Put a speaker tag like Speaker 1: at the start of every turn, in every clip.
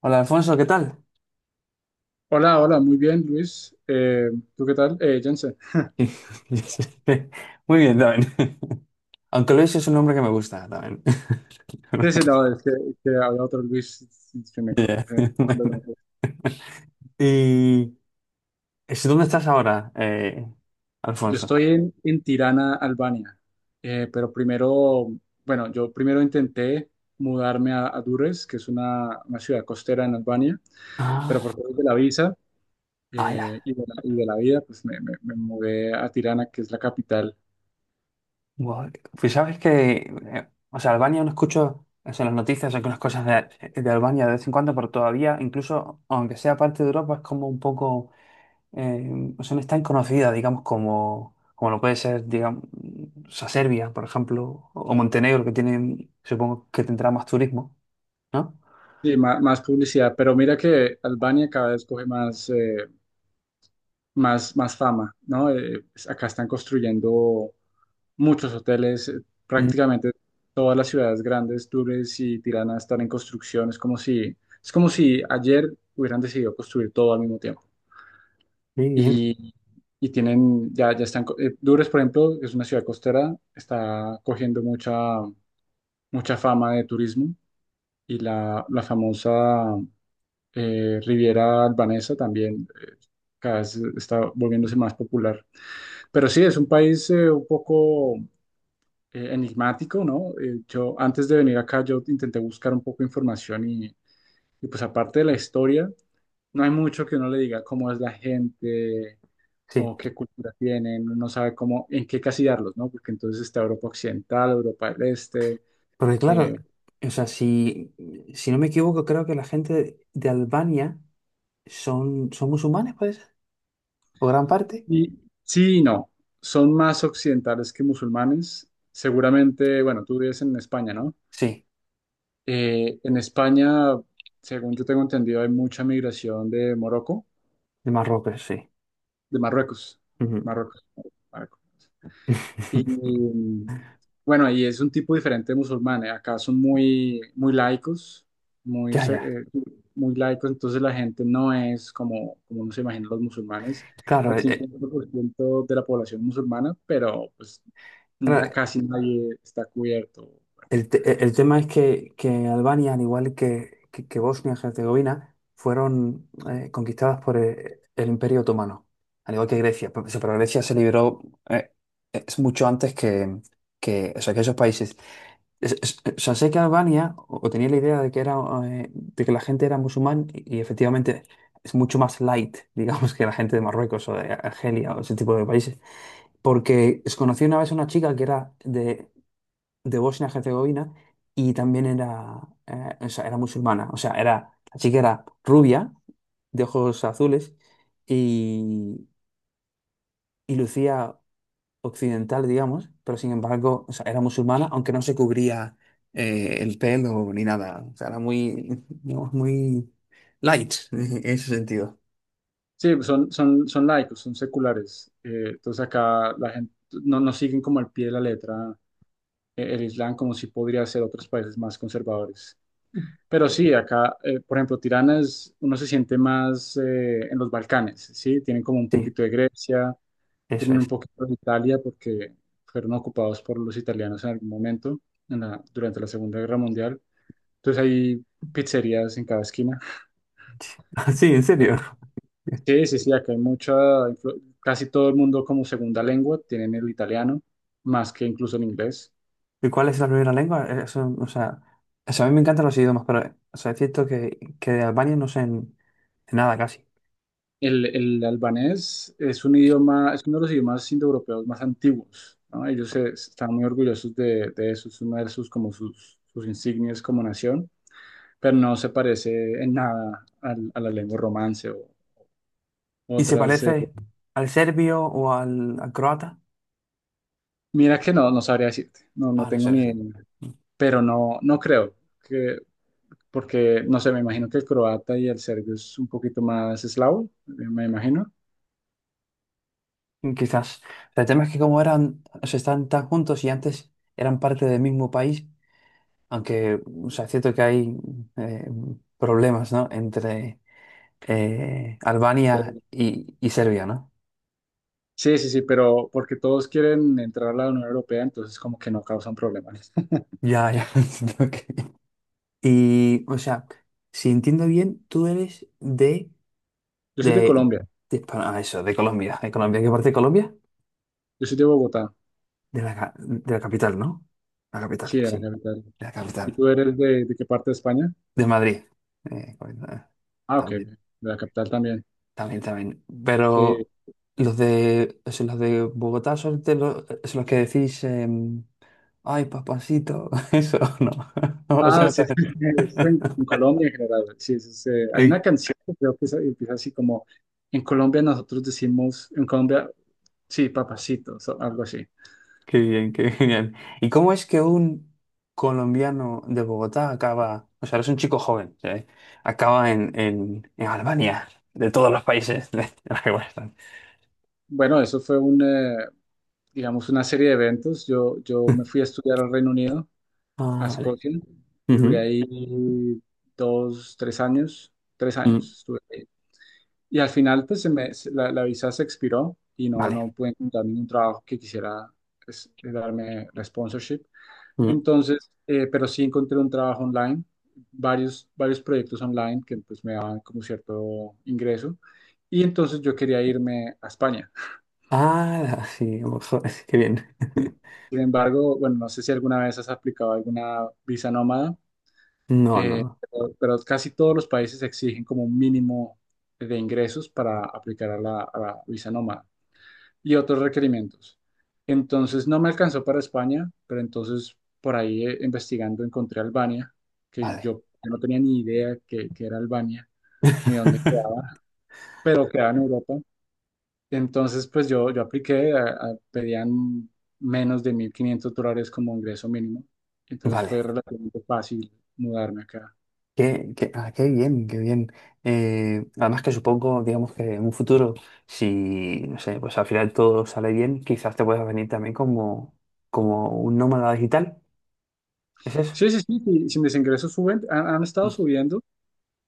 Speaker 1: Hola Alfonso, ¿qué tal?
Speaker 2: Hola, hola, muy bien, Luis. ¿Tú qué tal? Jensen.
Speaker 1: Muy bien, también. Aunque Luis es un nombre que me gusta también.
Speaker 2: Sí, sí, no, es que había otro Luis que
Speaker 1: Yeah.
Speaker 2: que me
Speaker 1: Bueno.
Speaker 2: contó.
Speaker 1: ¿Y dónde estás ahora,
Speaker 2: Yo
Speaker 1: Alfonso?
Speaker 2: estoy en Tirana, Albania. Pero primero, bueno, yo primero intenté mudarme a Durres, que es una ciudad costera en Albania, pero
Speaker 1: Ah,
Speaker 2: por causa de la visa,
Speaker 1: ah, ya.
Speaker 2: y de la vida, pues me mudé a Tirana, que es la capital.
Speaker 1: Guau. Pues sabes que, o sea, Albania no escucho, o sea, en las noticias algunas cosas de Albania de vez en cuando, pero todavía, incluso aunque sea parte de Europa, es como un poco. O sea, no es tan conocida, digamos, como lo puede ser, digamos, o sea, Serbia, por ejemplo, o Montenegro, que tienen, supongo que tendrá más turismo, ¿no?
Speaker 2: Sí, más publicidad, pero mira que Albania cada vez coge más fama, ¿no? Acá están construyendo muchos hoteles,
Speaker 1: Mm,
Speaker 2: prácticamente todas las ciudades grandes, Túnez y Tirana están en construcción. Es como si ayer hubieran decidido construir todo al mismo tiempo.
Speaker 1: sí,
Speaker 2: Y, y tienen, ya, ya están, Durres, por ejemplo, que es una ciudad costera, está cogiendo mucha fama de turismo y la famosa Riviera Albanesa también, cada vez está volviéndose más popular. Pero sí, es un país, un poco enigmático, ¿no? Yo antes de venir acá, yo intenté buscar un poco de información y pues aparte de la historia, no hay mucho que uno le diga cómo es la gente
Speaker 1: sí.
Speaker 2: o qué cultura tienen, uno sabe cómo, en qué casillarlos, ¿no? Porque entonces está Europa Occidental, Europa del Este,
Speaker 1: Porque claro,
Speaker 2: eh,
Speaker 1: o sea, si no me equivoco, creo que la gente de Albania son musulmanes, puede ser, o gran parte.
Speaker 2: y sí y no, son más occidentales que musulmanes. Seguramente, bueno, tú vives en España, ¿no?
Speaker 1: Sí,
Speaker 2: En España, según yo tengo entendido, hay mucha migración de Morocco,
Speaker 1: de Marruecos, sí.
Speaker 2: de Marruecos,
Speaker 1: Ujú.
Speaker 2: Marruecos, Marruecos. Y mm, bueno, ahí es un tipo diferente de musulmanes. Acá son muy, muy laicos, muy,
Speaker 1: Ya,
Speaker 2: se-
Speaker 1: ya.
Speaker 2: eh, muy laicos, entonces la gente no es como uno se imagina los musulmanes.
Speaker 1: Claro,
Speaker 2: El 50% de la población musulmana, pero pues
Speaker 1: claro,
Speaker 2: casi nadie está cubierto.
Speaker 1: El tema es que Albania, al igual que Bosnia y Herzegovina, fueron conquistadas por Imperio Otomano, al igual que Grecia. Pero Grecia se liberó. eh, es mucho antes o sea, que esos países. O sea, sé que Albania, o tenía la idea de que la gente era musulmán y efectivamente es mucho más light, digamos, que la gente de Marruecos o de Argelia o ese tipo de países. Porque conocí una vez a una chica que era de Bosnia-Herzegovina y también o sea, era musulmana. O sea, la chica era rubia, de ojos azules y, y lucía occidental, digamos, pero sin embargo, o sea, era musulmana, aunque no se cubría el pelo ni nada. O sea, era muy, digamos, muy light en ese sentido.
Speaker 2: Sí, son laicos, son seculares. Entonces acá la gente no siguen como al pie de la letra, el Islam como si podría ser otros países más conservadores. Pero sí, acá, por ejemplo, Tirana es, uno se siente más en los Balcanes, ¿sí? Tienen como un
Speaker 1: Sí,
Speaker 2: poquito de Grecia,
Speaker 1: eso
Speaker 2: tienen un
Speaker 1: es.
Speaker 2: poquito de Italia porque fueron ocupados por los italianos en algún momento durante la Segunda Guerra Mundial. Entonces hay pizzerías en cada esquina.
Speaker 1: Sí, en serio.
Speaker 2: Sí, sí, sí, acá hay casi todo el mundo como segunda lengua tienen el italiano, más que incluso el inglés.
Speaker 1: ¿Y cuál es la primera lengua? Eso, o sea, a mí me encantan los idiomas, pero o sea, es cierto que de Albania no sé, de nada casi.
Speaker 2: El albanés es un idioma, es uno de los idiomas indoeuropeos más antiguos, ¿no? Ellos están muy orgullosos de eso, es uno de sus, como sus insignias como nación, pero no se parece en nada a la lengua romance o
Speaker 1: ¿Y se
Speaker 2: otras.
Speaker 1: parece al serbio o al croata?
Speaker 2: Mira que no, no sabría decirte, no, no
Speaker 1: Ah, no
Speaker 2: tengo
Speaker 1: sé, no
Speaker 2: ni
Speaker 1: sé.
Speaker 2: idea, pero no, no creo. Porque no sé, me imagino que el croata y el serbio es un poquito más eslavo, me imagino.
Speaker 1: Quizás. El tema es que como eran, o sea, están tan juntos y antes eran parte del mismo país, aunque, o sea, es cierto que hay eh, problemas, ¿no? Entre Albania
Speaker 2: Entonces,
Speaker 1: y Serbia, ¿no?
Speaker 2: Sí, sí, sí, pero porque todos quieren entrar a la Unión Europea, entonces como que no causan problemas.
Speaker 1: Ya, ya. Ok. Y, o sea, si entiendo bien, tú eres
Speaker 2: Yo soy de
Speaker 1: de,
Speaker 2: Colombia,
Speaker 1: de, ah, eso, de Colombia. ¿De Colombia? ¿Qué parte de Colombia?
Speaker 2: yo soy de Bogotá,
Speaker 1: De la capital, ¿no? La capital,
Speaker 2: sí, de
Speaker 1: sí,
Speaker 2: la
Speaker 1: de
Speaker 2: capital.
Speaker 1: la
Speaker 2: ¿Y
Speaker 1: capital,
Speaker 2: tú eres de qué parte de España?
Speaker 1: de Madrid. Bueno,
Speaker 2: Ah, ok,
Speaker 1: también,
Speaker 2: de la capital también.
Speaker 1: también, también.
Speaker 2: Sí.
Speaker 1: Pero los de, o sea, los de Bogotá son de los, es los que decís, ay, papacito, eso, no. O
Speaker 2: Ah,
Speaker 1: sea,
Speaker 2: sí,
Speaker 1: también.
Speaker 2: sí, sí, es en Colombia en general. Sí, sí, sí. Hay una
Speaker 1: Ay,
Speaker 2: canción que creo que empieza así como, en Colombia nosotros decimos, en Colombia, sí, papacito, algo así.
Speaker 1: qué bien, qué genial. ¿Y cómo es que un colombiano de Bogotá acaba, o sea, eres un chico joven, ¿sí? Acaba en Albania, de todos los países de los que están.
Speaker 2: Bueno, eso fue un, digamos, una serie de eventos. Yo me fui a estudiar al Reino Unido, a
Speaker 1: Ah, vale.
Speaker 2: Escocia, y duré
Speaker 1: Ujú,
Speaker 2: ahí 2, 3 años, tres
Speaker 1: mm,
Speaker 2: años estuve ahí. Y al final, pues, se me, se- la visa se expiró y no,
Speaker 1: vale.
Speaker 2: no pude encontrar ningún trabajo que quisiera pues, darme la sponsorship.
Speaker 1: Mm.
Speaker 2: Entonces, pero sí encontré un trabajo online, varios proyectos online que pues me daban como cierto ingreso. Y entonces yo quería irme a España.
Speaker 1: Ah, sí, a lo mejor, qué bien.
Speaker 2: Sin embargo, bueno, no sé si alguna vez has aplicado alguna visa nómada,
Speaker 1: No, no,
Speaker 2: eh,
Speaker 1: no.
Speaker 2: pero, pero casi todos los países exigen como un mínimo de ingresos para aplicar a la visa nómada y otros requerimientos. Entonces, no me alcanzó para España, pero entonces por ahí, investigando encontré Albania, que
Speaker 1: Vale.
Speaker 2: yo no tenía ni idea que era Albania ni dónde quedaba, pero quedaba en Europa. Entonces, pues yo apliqué, pedían menos de $1,500 como ingreso mínimo. Entonces
Speaker 1: Vale.
Speaker 2: fue relativamente fácil mudarme acá.
Speaker 1: Ah, qué bien, qué bien. Además que supongo, digamos que en un futuro, si, no sé, pues al final todo sale bien, quizás te puedas venir también como un nómada digital. ¿Es eso?
Speaker 2: Sí, sí, sí, sí, sí, mis ingresos suben, han
Speaker 1: Mm,
Speaker 2: estado subiendo.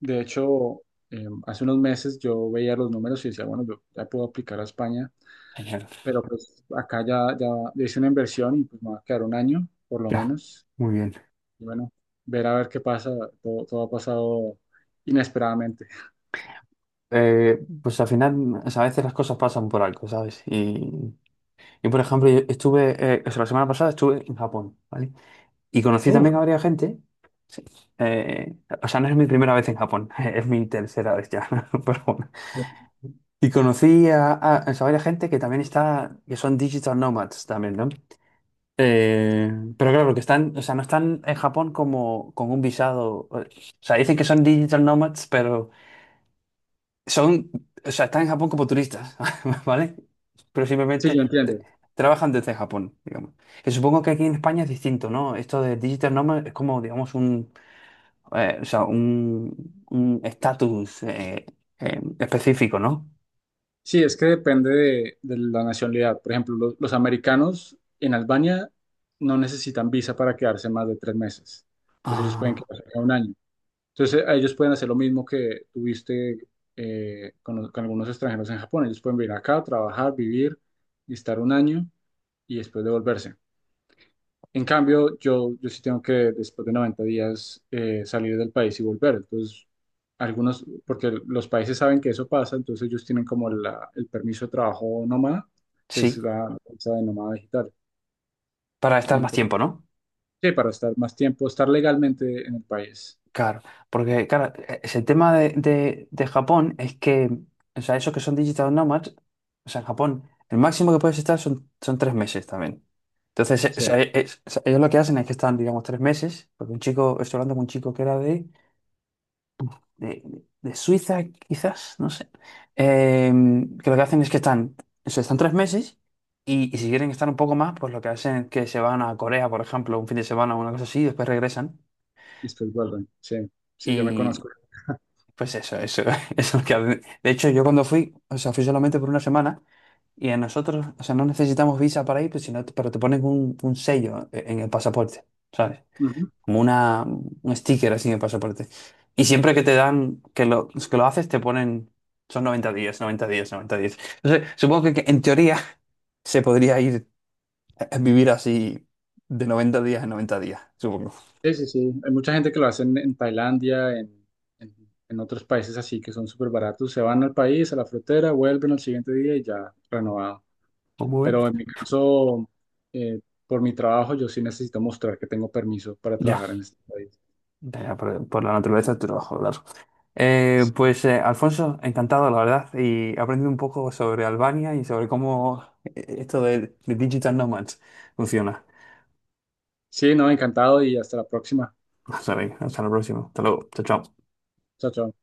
Speaker 2: De hecho, hace unos meses yo veía los números y decía, bueno, yo ya puedo aplicar a España,
Speaker 1: Genial.
Speaker 2: pero pues acá ya hice una inversión y pues me va a quedar un año, por lo
Speaker 1: Ya,
Speaker 2: menos.
Speaker 1: muy bien.
Speaker 2: Y bueno, ver a ver qué pasa, todo ha pasado inesperadamente.
Speaker 1: Pues al final, o sea, a veces las cosas pasan por algo, ¿sabes? Y yo, por ejemplo, yo o sea, la semana pasada estuve en Japón, ¿vale? Y conocí
Speaker 2: Uf,
Speaker 1: también a varias gente. Sí. Eh, o sea, no es mi primera vez en Japón, es mi tercera vez ya, pero bueno. Y conocí o sea, varias gente que también está, que son digital nomads también, ¿no? Pero claro, que están, o sea, no están en Japón como con un visado. O sea, dicen que son digital nomads, pero son, o sea, están en Japón como turistas, ¿vale? Pero
Speaker 2: sí, yo
Speaker 1: simplemente
Speaker 2: entiendo.
Speaker 1: trabajan desde Japón, digamos. Que supongo que aquí en España es distinto, ¿no? Esto de digital nomad es como, digamos, un, o sea, un estatus específico, ¿no?
Speaker 2: Sí, es que depende de la nacionalidad. Por ejemplo, los americanos en Albania no necesitan visa para quedarse más de 3 meses. Entonces ellos pueden
Speaker 1: Ah,
Speaker 2: quedarse acá un año. Entonces a ellos pueden hacer lo mismo que tuviste, con algunos extranjeros en Japón. Ellos pueden venir acá, trabajar, vivir y estar un año y después devolverse. En cambio, yo sí tengo que, después de 90 días, salir del país y volver. Entonces, algunos, porque los países saben que eso pasa, entonces ellos tienen como el permiso de trabajo nómada, que es
Speaker 1: sí,
Speaker 2: la cosa de nómada digital.
Speaker 1: para estar más
Speaker 2: Entonces,
Speaker 1: tiempo, ¿no?
Speaker 2: sí, para estar más tiempo, estar legalmente en el país.
Speaker 1: Claro, porque, claro, ese tema de Japón es que, o sea, esos que son digital nomads, o sea, en Japón, el máximo que puedes estar son, son 3 meses también. Entonces,
Speaker 2: Sí, y
Speaker 1: o sea, ellos lo que hacen es que están, digamos, 3 meses, porque estoy hablando con un chico que era de, de Suiza, quizás, no sé, eh, que lo que hacen es que están, o sea, están 3 meses y si quieren estar un poco más, pues lo que hacen es que se van a Corea, por ejemplo, un fin de semana o una cosa así, y después regresan
Speaker 2: después vuelven. Sí, sí, yo me
Speaker 1: y
Speaker 2: conozco.
Speaker 1: pues eso, eso es lo que hacen. De hecho, yo cuando fui, o sea, fui solamente por una semana. Y a nosotros, o sea, no necesitamos visa para ir, pues, sino, pero te ponen un sello en el pasaporte, ¿sabes?
Speaker 2: Ujú.
Speaker 1: Como un sticker así de pasaporte. Y siempre que te dan, que lo haces, te ponen, son 90 días, 90 días, 90 días. Entonces, supongo que en teoría se podría ir a vivir así de 90 días en 90 días, supongo.
Speaker 2: Sí, sí, sí. Hay mucha gente que lo hace en Tailandia, en, en otros países así que son súper baratos. Se van al país, a la frontera, vuelven al siguiente día y ya renovado.
Speaker 1: ¿Cómo ves?
Speaker 2: Pero en mi caso, eh, por mi trabajo, yo sí necesito mostrar que tengo permiso para
Speaker 1: Ya,
Speaker 2: trabajar en este país.
Speaker 1: ya, ya, por la naturaleza del trabajo, claro. Pues Alfonso, encantado, la verdad, y aprendí un poco sobre Albania y sobre cómo esto de Digital Nomads funciona.
Speaker 2: Sí, no, encantado y hasta la próxima.
Speaker 1: Hasta, hasta la próxima. Hasta luego. Chao, chao.
Speaker 2: Chao, chao.